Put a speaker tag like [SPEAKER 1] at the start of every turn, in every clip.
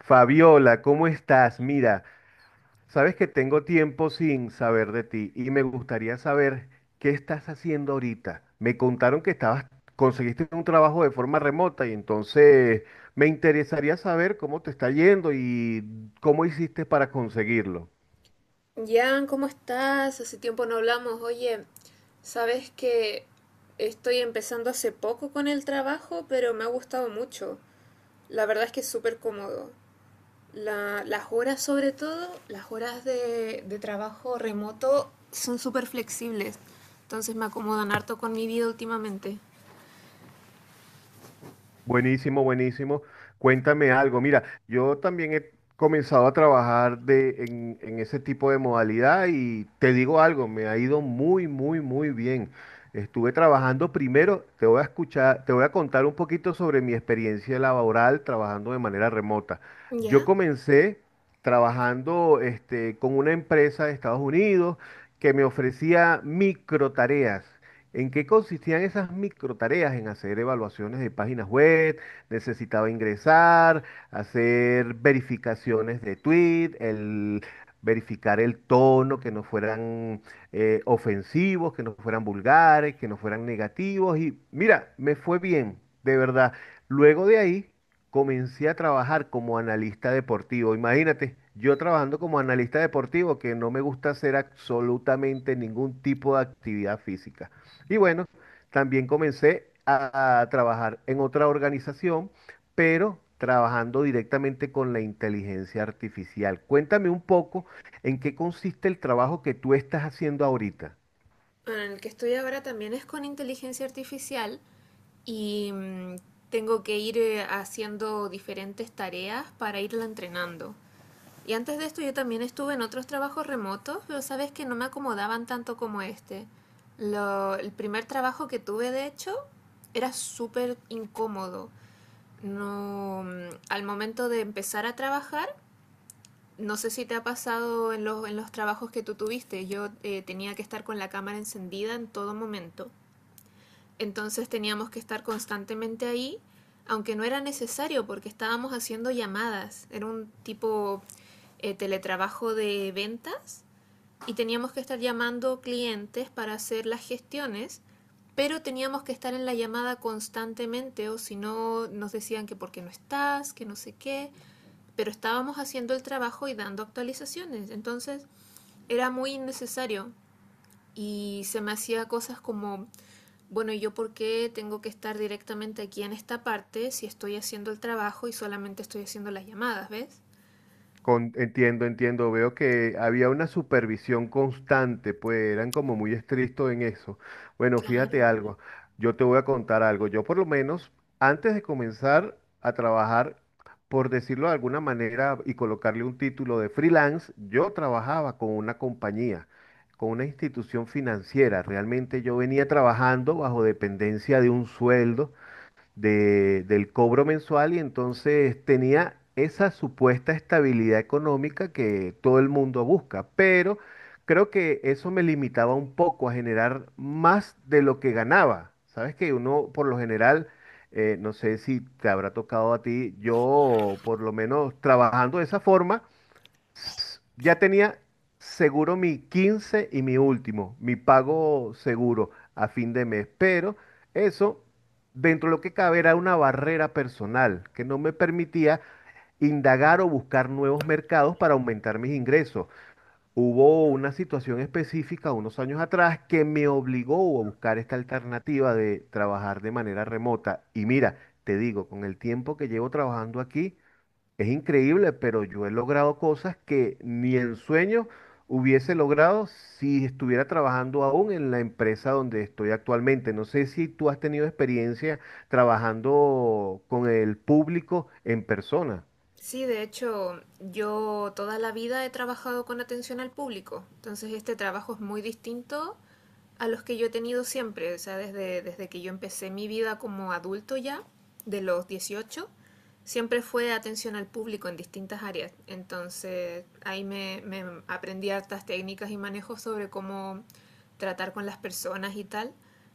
[SPEAKER 1] Fabiola, ¿cómo estás? Mira, sabes que tengo tiempo sin saber de ti y me gustaría saber qué estás haciendo ahorita. Me contaron que estabas, conseguiste un trabajo de forma remota y entonces me interesaría saber cómo te está yendo y cómo hiciste para conseguirlo.
[SPEAKER 2] Jan, ¿cómo estás? Hace tiempo no hablamos. Oye, sabes que estoy empezando hace poco con el trabajo, pero me ha gustado mucho. La verdad es que es súper cómodo. Las horas, sobre todo, las horas de trabajo remoto son súper flexibles. Entonces me acomodan harto con mi vida últimamente.
[SPEAKER 1] Buenísimo, buenísimo. Cuéntame algo. Mira, yo también he comenzado a trabajar en ese tipo de modalidad y te digo algo, me ha ido muy, muy, muy bien. Estuve trabajando primero, te voy a escuchar, te voy a contar un poquito sobre mi experiencia laboral trabajando de manera remota. Yo
[SPEAKER 2] ¿Ya?
[SPEAKER 1] comencé trabajando con una empresa de Estados Unidos que me ofrecía microtareas. ¿En qué consistían esas microtareas? En hacer evaluaciones de páginas web, necesitaba ingresar, hacer verificaciones de tweet, el verificar el tono, que no fueran ofensivos, que no fueran vulgares, que no fueran negativos. Y mira, me fue bien, de verdad. Luego de ahí comencé a trabajar como analista deportivo. Imagínate, yo trabajando como analista deportivo, que no me gusta hacer absolutamente ningún tipo de actividad física. Y bueno, también comencé a trabajar en otra organización, pero trabajando directamente con la inteligencia artificial. Cuéntame un poco en qué consiste el trabajo que tú estás haciendo ahorita.
[SPEAKER 2] Bueno, en el que estoy ahora también es con inteligencia artificial y tengo que ir haciendo diferentes tareas para irla entrenando. Y antes de esto yo también estuve en otros trabajos remotos, pero sabes que no me acomodaban tanto como este. El primer trabajo que tuve, de hecho, era súper incómodo. No, al momento de empezar a trabajar, no sé si te ha pasado en en los trabajos que tú tuviste. Yo tenía que estar con la cámara encendida en todo momento. Entonces teníamos que estar constantemente ahí, aunque no era necesario porque estábamos haciendo llamadas. Era un tipo teletrabajo de ventas y teníamos que estar llamando clientes para hacer las gestiones, pero teníamos que estar en la llamada constantemente o si no nos decían que por qué no estás, que no sé qué, pero estábamos haciendo el trabajo y dando actualizaciones. Entonces era muy innecesario y se me hacía cosas como, bueno, ¿yo por qué tengo que estar directamente aquí en esta parte si estoy haciendo el trabajo y solamente estoy haciendo las llamadas? ¿Ves?
[SPEAKER 1] Entiendo, entiendo. Veo que había una supervisión constante, pues eran como muy estrictos en eso. Bueno, fíjate algo. Yo te voy a contar algo. Yo por lo menos, antes de comenzar a trabajar, por decirlo de alguna manera y colocarle un título de freelance, yo trabajaba con una compañía, con una institución financiera. Realmente yo venía trabajando bajo dependencia de un sueldo del cobro mensual y entonces tenía esa supuesta estabilidad económica que todo el mundo busca, pero creo que eso me limitaba un poco a generar más de lo que ganaba. Sabes que uno por lo general, no sé si te habrá tocado a ti, yo por lo menos trabajando de esa forma, ya tenía seguro mi 15 y mi último, mi pago seguro a fin de mes, pero eso dentro de lo que cabe era una barrera personal que no me permitía indagar o buscar nuevos mercados para aumentar mis ingresos. Hubo una situación específica unos años atrás que me obligó a buscar esta alternativa de trabajar de manera remota. Y mira, te digo, con el tiempo que llevo trabajando aquí, es increíble, pero yo he logrado cosas que ni en sueños hubiese logrado si estuviera trabajando aún en la empresa donde estoy actualmente. No sé si tú has tenido experiencia trabajando con el público en persona.
[SPEAKER 2] Sí, de hecho, yo toda la vida he trabajado con atención al público, entonces este trabajo es muy distinto a los que yo he tenido siempre. O sea, desde que yo empecé mi vida como adulto ya, de los 18, siempre fue atención al público en distintas áreas. Entonces ahí me aprendí hartas técnicas y manejos sobre cómo tratar con las personas y tal,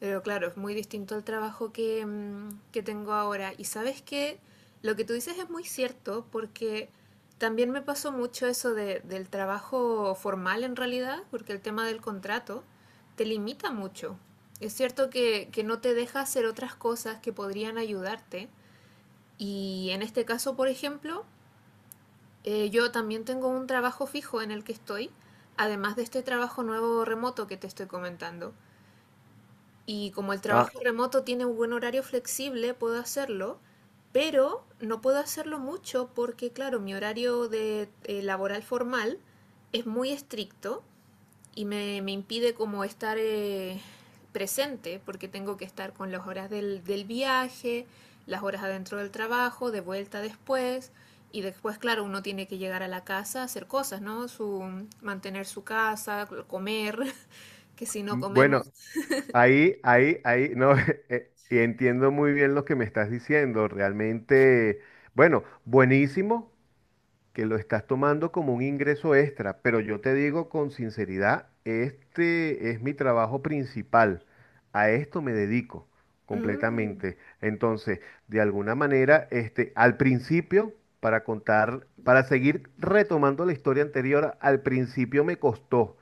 [SPEAKER 2] pero claro, es muy distinto al trabajo que, que tengo ahora. Y sabes qué, lo que tú dices es muy cierto, porque también me pasó mucho eso del trabajo formal en realidad, porque el tema del contrato te limita mucho. Es cierto que no te deja hacer otras cosas que podrían ayudarte. Y en este caso, por ejemplo, yo también tengo un trabajo fijo en el que estoy, además de este trabajo nuevo remoto que te estoy comentando. Y como el
[SPEAKER 1] Ah,
[SPEAKER 2] trabajo remoto tiene un buen horario flexible, puedo hacerlo, pero no puedo hacerlo mucho porque, claro, mi horario de, laboral formal es muy estricto y me impide como estar presente, porque tengo que estar con las horas del viaje, las horas adentro del trabajo, de vuelta después. Y después, claro, uno tiene que llegar a la casa a hacer cosas, ¿no? Su, mantener su casa, comer, que si no
[SPEAKER 1] bueno,
[SPEAKER 2] comemos...
[SPEAKER 1] ahí, ahí, ahí, no, y entiendo muy bien lo que me estás diciendo. Realmente, bueno, buenísimo. Que lo estás tomando como un ingreso extra, pero yo te digo con sinceridad, este es mi trabajo principal, a esto me dedico
[SPEAKER 2] Mm,
[SPEAKER 1] completamente. Entonces, de alguna manera, al principio, para contar, para seguir retomando la historia anterior, al principio me costó,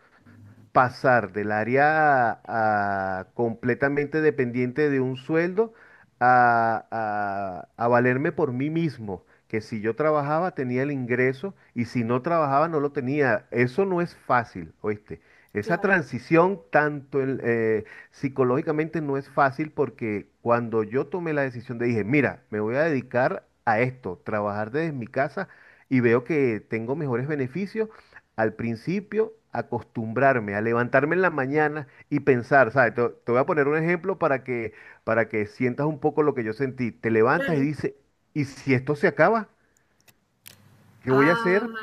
[SPEAKER 1] pasar del área a, completamente dependiente de un sueldo a valerme por mí mismo, que si yo trabajaba tenía el ingreso y si no trabajaba no lo tenía. Eso no es fácil, ¿oíste? Esa
[SPEAKER 2] claro.
[SPEAKER 1] transición tanto psicológicamente no es fácil porque cuando yo tomé la decisión de dije, mira, me voy a dedicar a esto, trabajar desde mi casa y veo que tengo mejores beneficios, al principio acostumbrarme a levantarme en la mañana y pensar, ¿sabes? Te voy a poner un ejemplo para que sientas un poco lo que yo sentí. Te levantas y dices, ¿y si esto se acaba? ¿Qué voy a
[SPEAKER 2] Ah,
[SPEAKER 1] hacer?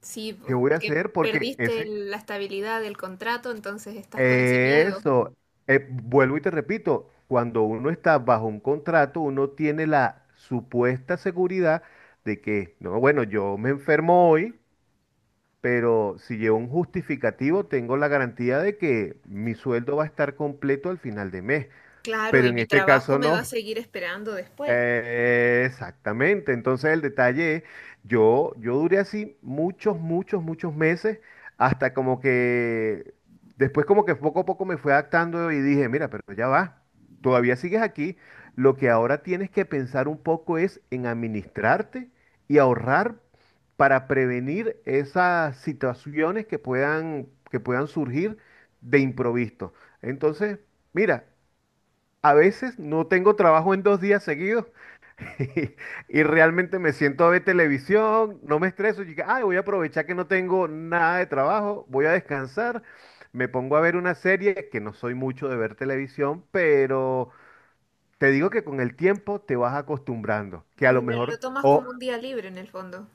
[SPEAKER 2] sí,
[SPEAKER 1] ¿Qué
[SPEAKER 2] po,
[SPEAKER 1] voy a
[SPEAKER 2] porque
[SPEAKER 1] hacer? Porque
[SPEAKER 2] perdiste
[SPEAKER 1] ese,
[SPEAKER 2] la estabilidad del contrato, entonces estás con ese miedo.
[SPEAKER 1] eso, vuelvo y te repito, cuando uno está bajo un contrato, uno tiene la supuesta seguridad de que, no, bueno, yo me enfermo hoy. Pero si llevo un justificativo, tengo la garantía de que mi sueldo va a estar completo al final de mes.
[SPEAKER 2] Claro,
[SPEAKER 1] Pero
[SPEAKER 2] y
[SPEAKER 1] en
[SPEAKER 2] mi
[SPEAKER 1] este
[SPEAKER 2] trabajo
[SPEAKER 1] caso
[SPEAKER 2] me va a
[SPEAKER 1] no.
[SPEAKER 2] seguir esperando después.
[SPEAKER 1] Exactamente. Entonces el detalle yo duré así muchos, muchos, muchos meses, hasta como que después como que poco a poco me fue adaptando y dije, mira, pero ya va, todavía sigues aquí. Lo que ahora tienes que pensar un poco es en administrarte y ahorrar para prevenir esas situaciones que puedan surgir de improviso. Entonces, mira, a veces no tengo trabajo en dos días seguidos. Y realmente me siento a ver televisión, no me estreso, y digo, ay, voy a aprovechar que no tengo nada de trabajo, voy a descansar, me pongo a ver una serie, que no soy mucho de ver televisión, pero te digo que con el tiempo te vas acostumbrando, que a lo
[SPEAKER 2] Lo
[SPEAKER 1] mejor,
[SPEAKER 2] tomas como
[SPEAKER 1] o
[SPEAKER 2] un día libre en el fondo.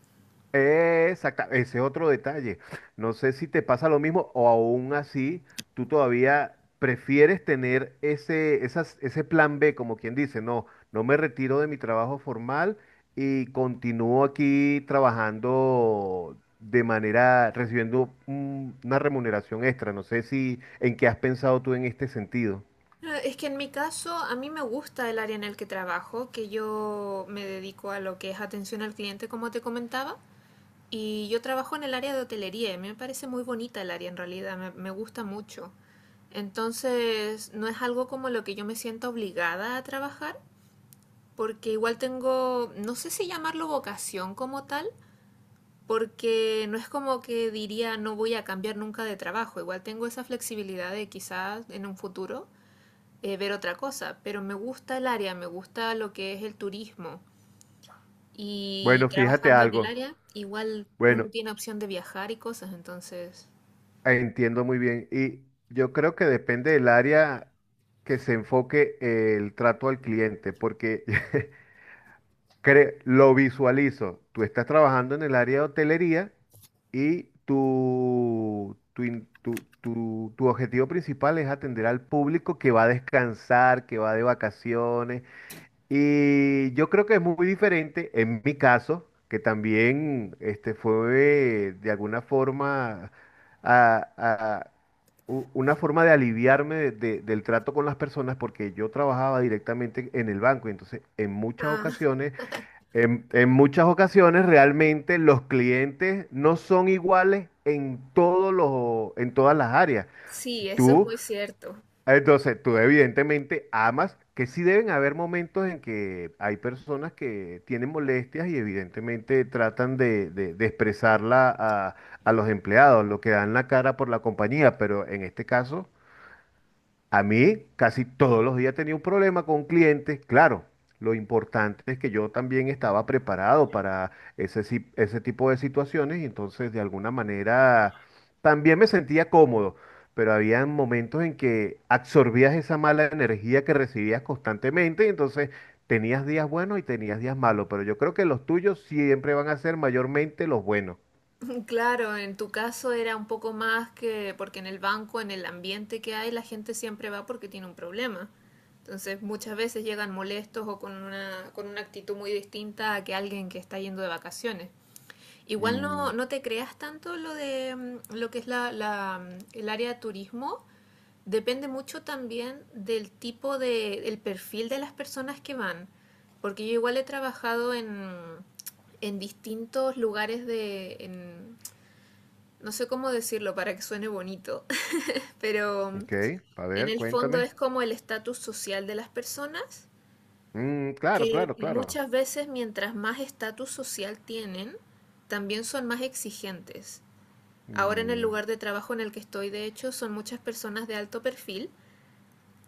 [SPEAKER 1] exacto, ese otro detalle. No sé si te pasa lo mismo o aún así tú todavía prefieres tener ese plan B, como quien dice, no, no me retiro de mi trabajo formal y continúo aquí trabajando de manera, recibiendo una remuneración extra. No sé si en qué has pensado tú en este sentido.
[SPEAKER 2] Ah, es que en mi caso, a mí me gusta el área en el que trabajo, que yo me dedico a lo que es atención al cliente, como te comentaba, y yo trabajo en el área de hotelería, y me parece muy bonita el área en realidad, me gusta mucho. Entonces, no es algo como lo que yo me siento obligada a trabajar, porque igual tengo, no sé si llamarlo vocación como tal, porque no es como que diría no voy a cambiar nunca de trabajo. Igual tengo esa flexibilidad de quizás en un futuro ver otra cosa, pero me gusta el área, me gusta lo que es el turismo y
[SPEAKER 1] Bueno, fíjate
[SPEAKER 2] trabajando en el
[SPEAKER 1] algo.
[SPEAKER 2] área igual uno
[SPEAKER 1] Bueno,
[SPEAKER 2] tiene opción de viajar y cosas, entonces...
[SPEAKER 1] entiendo muy bien. Y yo creo que depende del área que se enfoque el trato al cliente, porque lo visualizo. Tú estás trabajando en el área de hotelería y tu, in- tu, tu, tu objetivo principal es atender al público que va a descansar, que va de vacaciones, y yo creo que es muy diferente en mi caso, que también fue de alguna forma a- a- una forma de aliviarme del trato con las personas, porque yo trabajaba directamente en el banco. Y entonces,
[SPEAKER 2] Ah,
[SPEAKER 1] en muchas ocasiones realmente los clientes no son iguales en todos los, en todas las áreas.
[SPEAKER 2] sí, eso es
[SPEAKER 1] Tú
[SPEAKER 2] muy cierto.
[SPEAKER 1] entonces, tú evidentemente amas, que sí deben haber momentos en que hay personas que tienen molestias y evidentemente tratan de expresarla a los empleados, lo que dan la cara por la compañía, pero en este caso a mí casi todos los días tenía un problema con clientes. Claro, lo importante es que yo también estaba preparado para ese, si- ese tipo de situaciones y entonces de alguna manera también me sentía cómodo, pero había momentos en que absorbías esa mala energía que recibías constantemente y entonces tenías días buenos y tenías días malos, pero yo creo que los tuyos siempre van a ser mayormente los buenos.
[SPEAKER 2] Claro, en tu caso era un poco más, que porque en el banco, en el ambiente que hay, la gente siempre va porque tiene un problema. Entonces, muchas veces llegan molestos o con una actitud muy distinta a que alguien que está yendo de vacaciones. Igual
[SPEAKER 1] Mm,
[SPEAKER 2] no, no te creas tanto lo de lo que es el área de turismo. Depende mucho también del tipo de, el perfil de las personas que van. Porque yo igual he trabajado en distintos lugares de, en, no sé cómo decirlo para que suene bonito, pero
[SPEAKER 1] ok, a
[SPEAKER 2] en
[SPEAKER 1] ver,
[SPEAKER 2] el fondo es
[SPEAKER 1] cuéntame.
[SPEAKER 2] como el estatus social de las personas,
[SPEAKER 1] Mm, claro,
[SPEAKER 2] que
[SPEAKER 1] claro, claro.
[SPEAKER 2] muchas veces mientras más estatus social tienen, también son más exigentes. Ahora en el
[SPEAKER 1] Mm,
[SPEAKER 2] lugar de trabajo en el que estoy, de hecho, son muchas personas de alto perfil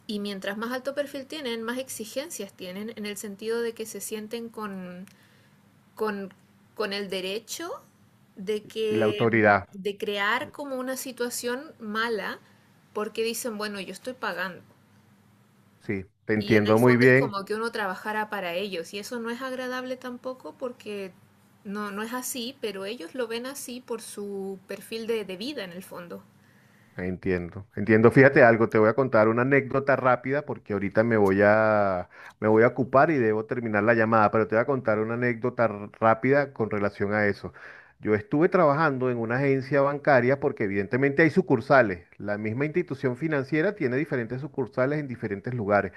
[SPEAKER 2] y mientras más alto perfil tienen, más exigencias tienen en el sentido de que se sienten con, con el derecho de
[SPEAKER 1] y la
[SPEAKER 2] que
[SPEAKER 1] autoridad,
[SPEAKER 2] de crear como una situación mala porque dicen, bueno, yo estoy pagando.
[SPEAKER 1] sí, te
[SPEAKER 2] Y en
[SPEAKER 1] entiendo
[SPEAKER 2] el
[SPEAKER 1] muy
[SPEAKER 2] fondo es
[SPEAKER 1] bien,
[SPEAKER 2] como que uno trabajara para ellos y eso no es agradable tampoco, porque no, no es así, pero ellos lo ven así por su perfil de vida en el fondo.
[SPEAKER 1] entiendo, entiendo. Fíjate algo, te voy a contar una anécdota rápida porque ahorita me voy a ocupar y debo terminar la llamada, pero te voy a contar una anécdota rápida con relación a eso. Yo estuve trabajando en una agencia bancaria porque evidentemente hay sucursales. La misma institución financiera tiene diferentes sucursales en diferentes lugares.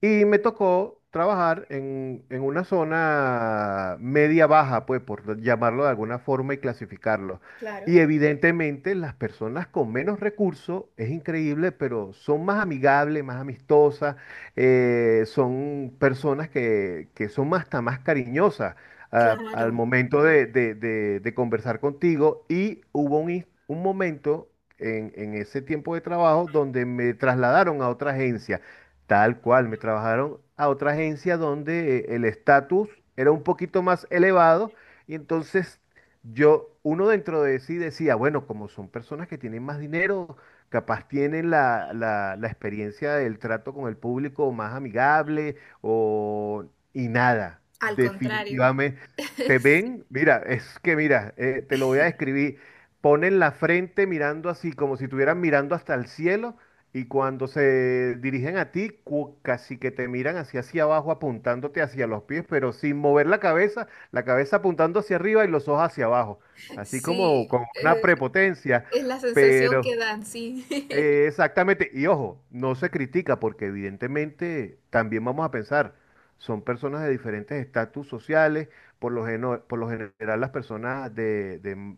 [SPEAKER 1] Y me tocó trabajar en una zona media baja, pues por llamarlo de alguna forma y clasificarlo.
[SPEAKER 2] Claro.
[SPEAKER 1] Y evidentemente las personas con menos recursos, es increíble, pero son más amigables, más amistosas, son personas que son más- hasta más cariñosas
[SPEAKER 2] Claro,
[SPEAKER 1] al momento de conversar contigo. Y hubo un momento en ese tiempo de trabajo donde me trasladaron a otra agencia, tal cual, me trabajaron a otra agencia donde el estatus era un poquito más elevado. Y entonces yo, uno dentro de sí decía, bueno, como son personas que tienen más dinero, capaz tienen la, la experiencia del trato con el público más amigable o... y nada,
[SPEAKER 2] al contrario.
[SPEAKER 1] definitivamente. Te
[SPEAKER 2] Sí,
[SPEAKER 1] ven, mira, es que mira, te lo voy a describir, ponen la frente mirando así, como si estuvieran mirando hasta el cielo y cuando se dirigen a ti, casi que te miran hacia hacia abajo apuntándote hacia los pies, pero sin mover la cabeza apuntando hacia arriba y los ojos hacia abajo, así
[SPEAKER 2] sí,
[SPEAKER 1] como con una prepotencia,
[SPEAKER 2] es la sensación que
[SPEAKER 1] pero,
[SPEAKER 2] dan, sí.
[SPEAKER 1] exactamente, y ojo, no se critica porque evidentemente también vamos a pensar, son personas de diferentes estatus sociales, por lo, por lo general las personas de,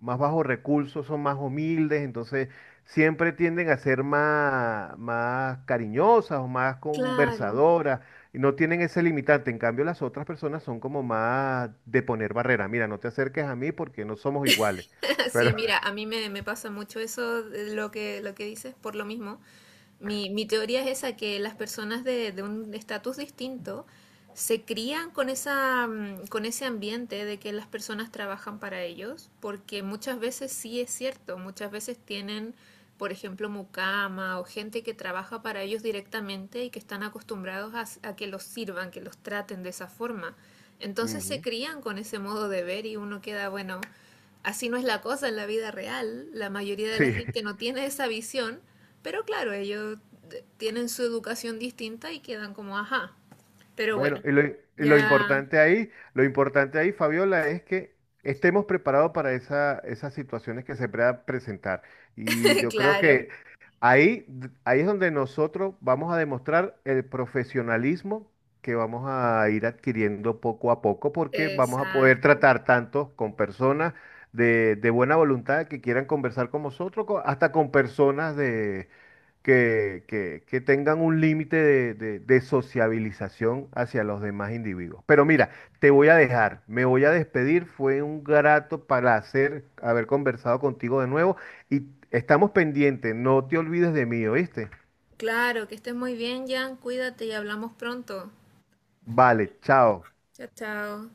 [SPEAKER 1] más bajos recursos son más humildes, entonces siempre tienden a ser más, más cariñosas o más
[SPEAKER 2] Claro.
[SPEAKER 1] conversadoras, y no tienen ese limitante, en cambio las otras personas son como más de poner barrera, mira, no te acerques a mí porque no somos iguales, pero
[SPEAKER 2] Sí, mira, a mí me pasa mucho eso, de lo que dices, por lo mismo. Mi teoría es esa, que las personas de un estatus distinto se crían con esa, con ese ambiente de que las personas trabajan para ellos, porque muchas veces sí es cierto, muchas veces tienen, por ejemplo, mucama o gente que trabaja para ellos directamente y que están acostumbrados a, s- a que los sirvan, que los traten de esa forma. Entonces se
[SPEAKER 1] ujú,
[SPEAKER 2] crían con ese modo de ver y uno queda, bueno, así no es la cosa en la vida real. La mayoría de
[SPEAKER 1] sí.
[SPEAKER 2] la gente no tiene esa visión, pero claro, ellos de- tienen su educación distinta y quedan como, ajá. Pero
[SPEAKER 1] Bueno,
[SPEAKER 2] bueno,
[SPEAKER 1] y
[SPEAKER 2] ya,
[SPEAKER 1] lo importante ahí, Fabiola, es que estemos preparados para esas situaciones que se puedan presentar. Y yo creo
[SPEAKER 2] claro,
[SPEAKER 1] que ahí, ahí es donde nosotros vamos a demostrar el profesionalismo que vamos a ir adquiriendo poco a poco, porque vamos a poder
[SPEAKER 2] exacto.
[SPEAKER 1] tratar tanto con personas de buena voluntad que quieran conversar con nosotros, hasta con personas que tengan un límite de, de sociabilización hacia los demás individuos. Pero mira, te voy a dejar, me voy a despedir, fue un grato placer haber conversado contigo de nuevo y estamos pendientes, no te olvides de mí, ¿oíste?
[SPEAKER 2] Claro, que estés muy bien, Jan. Cuídate y hablamos pronto.
[SPEAKER 1] Vale, chao.
[SPEAKER 2] Chao, chao.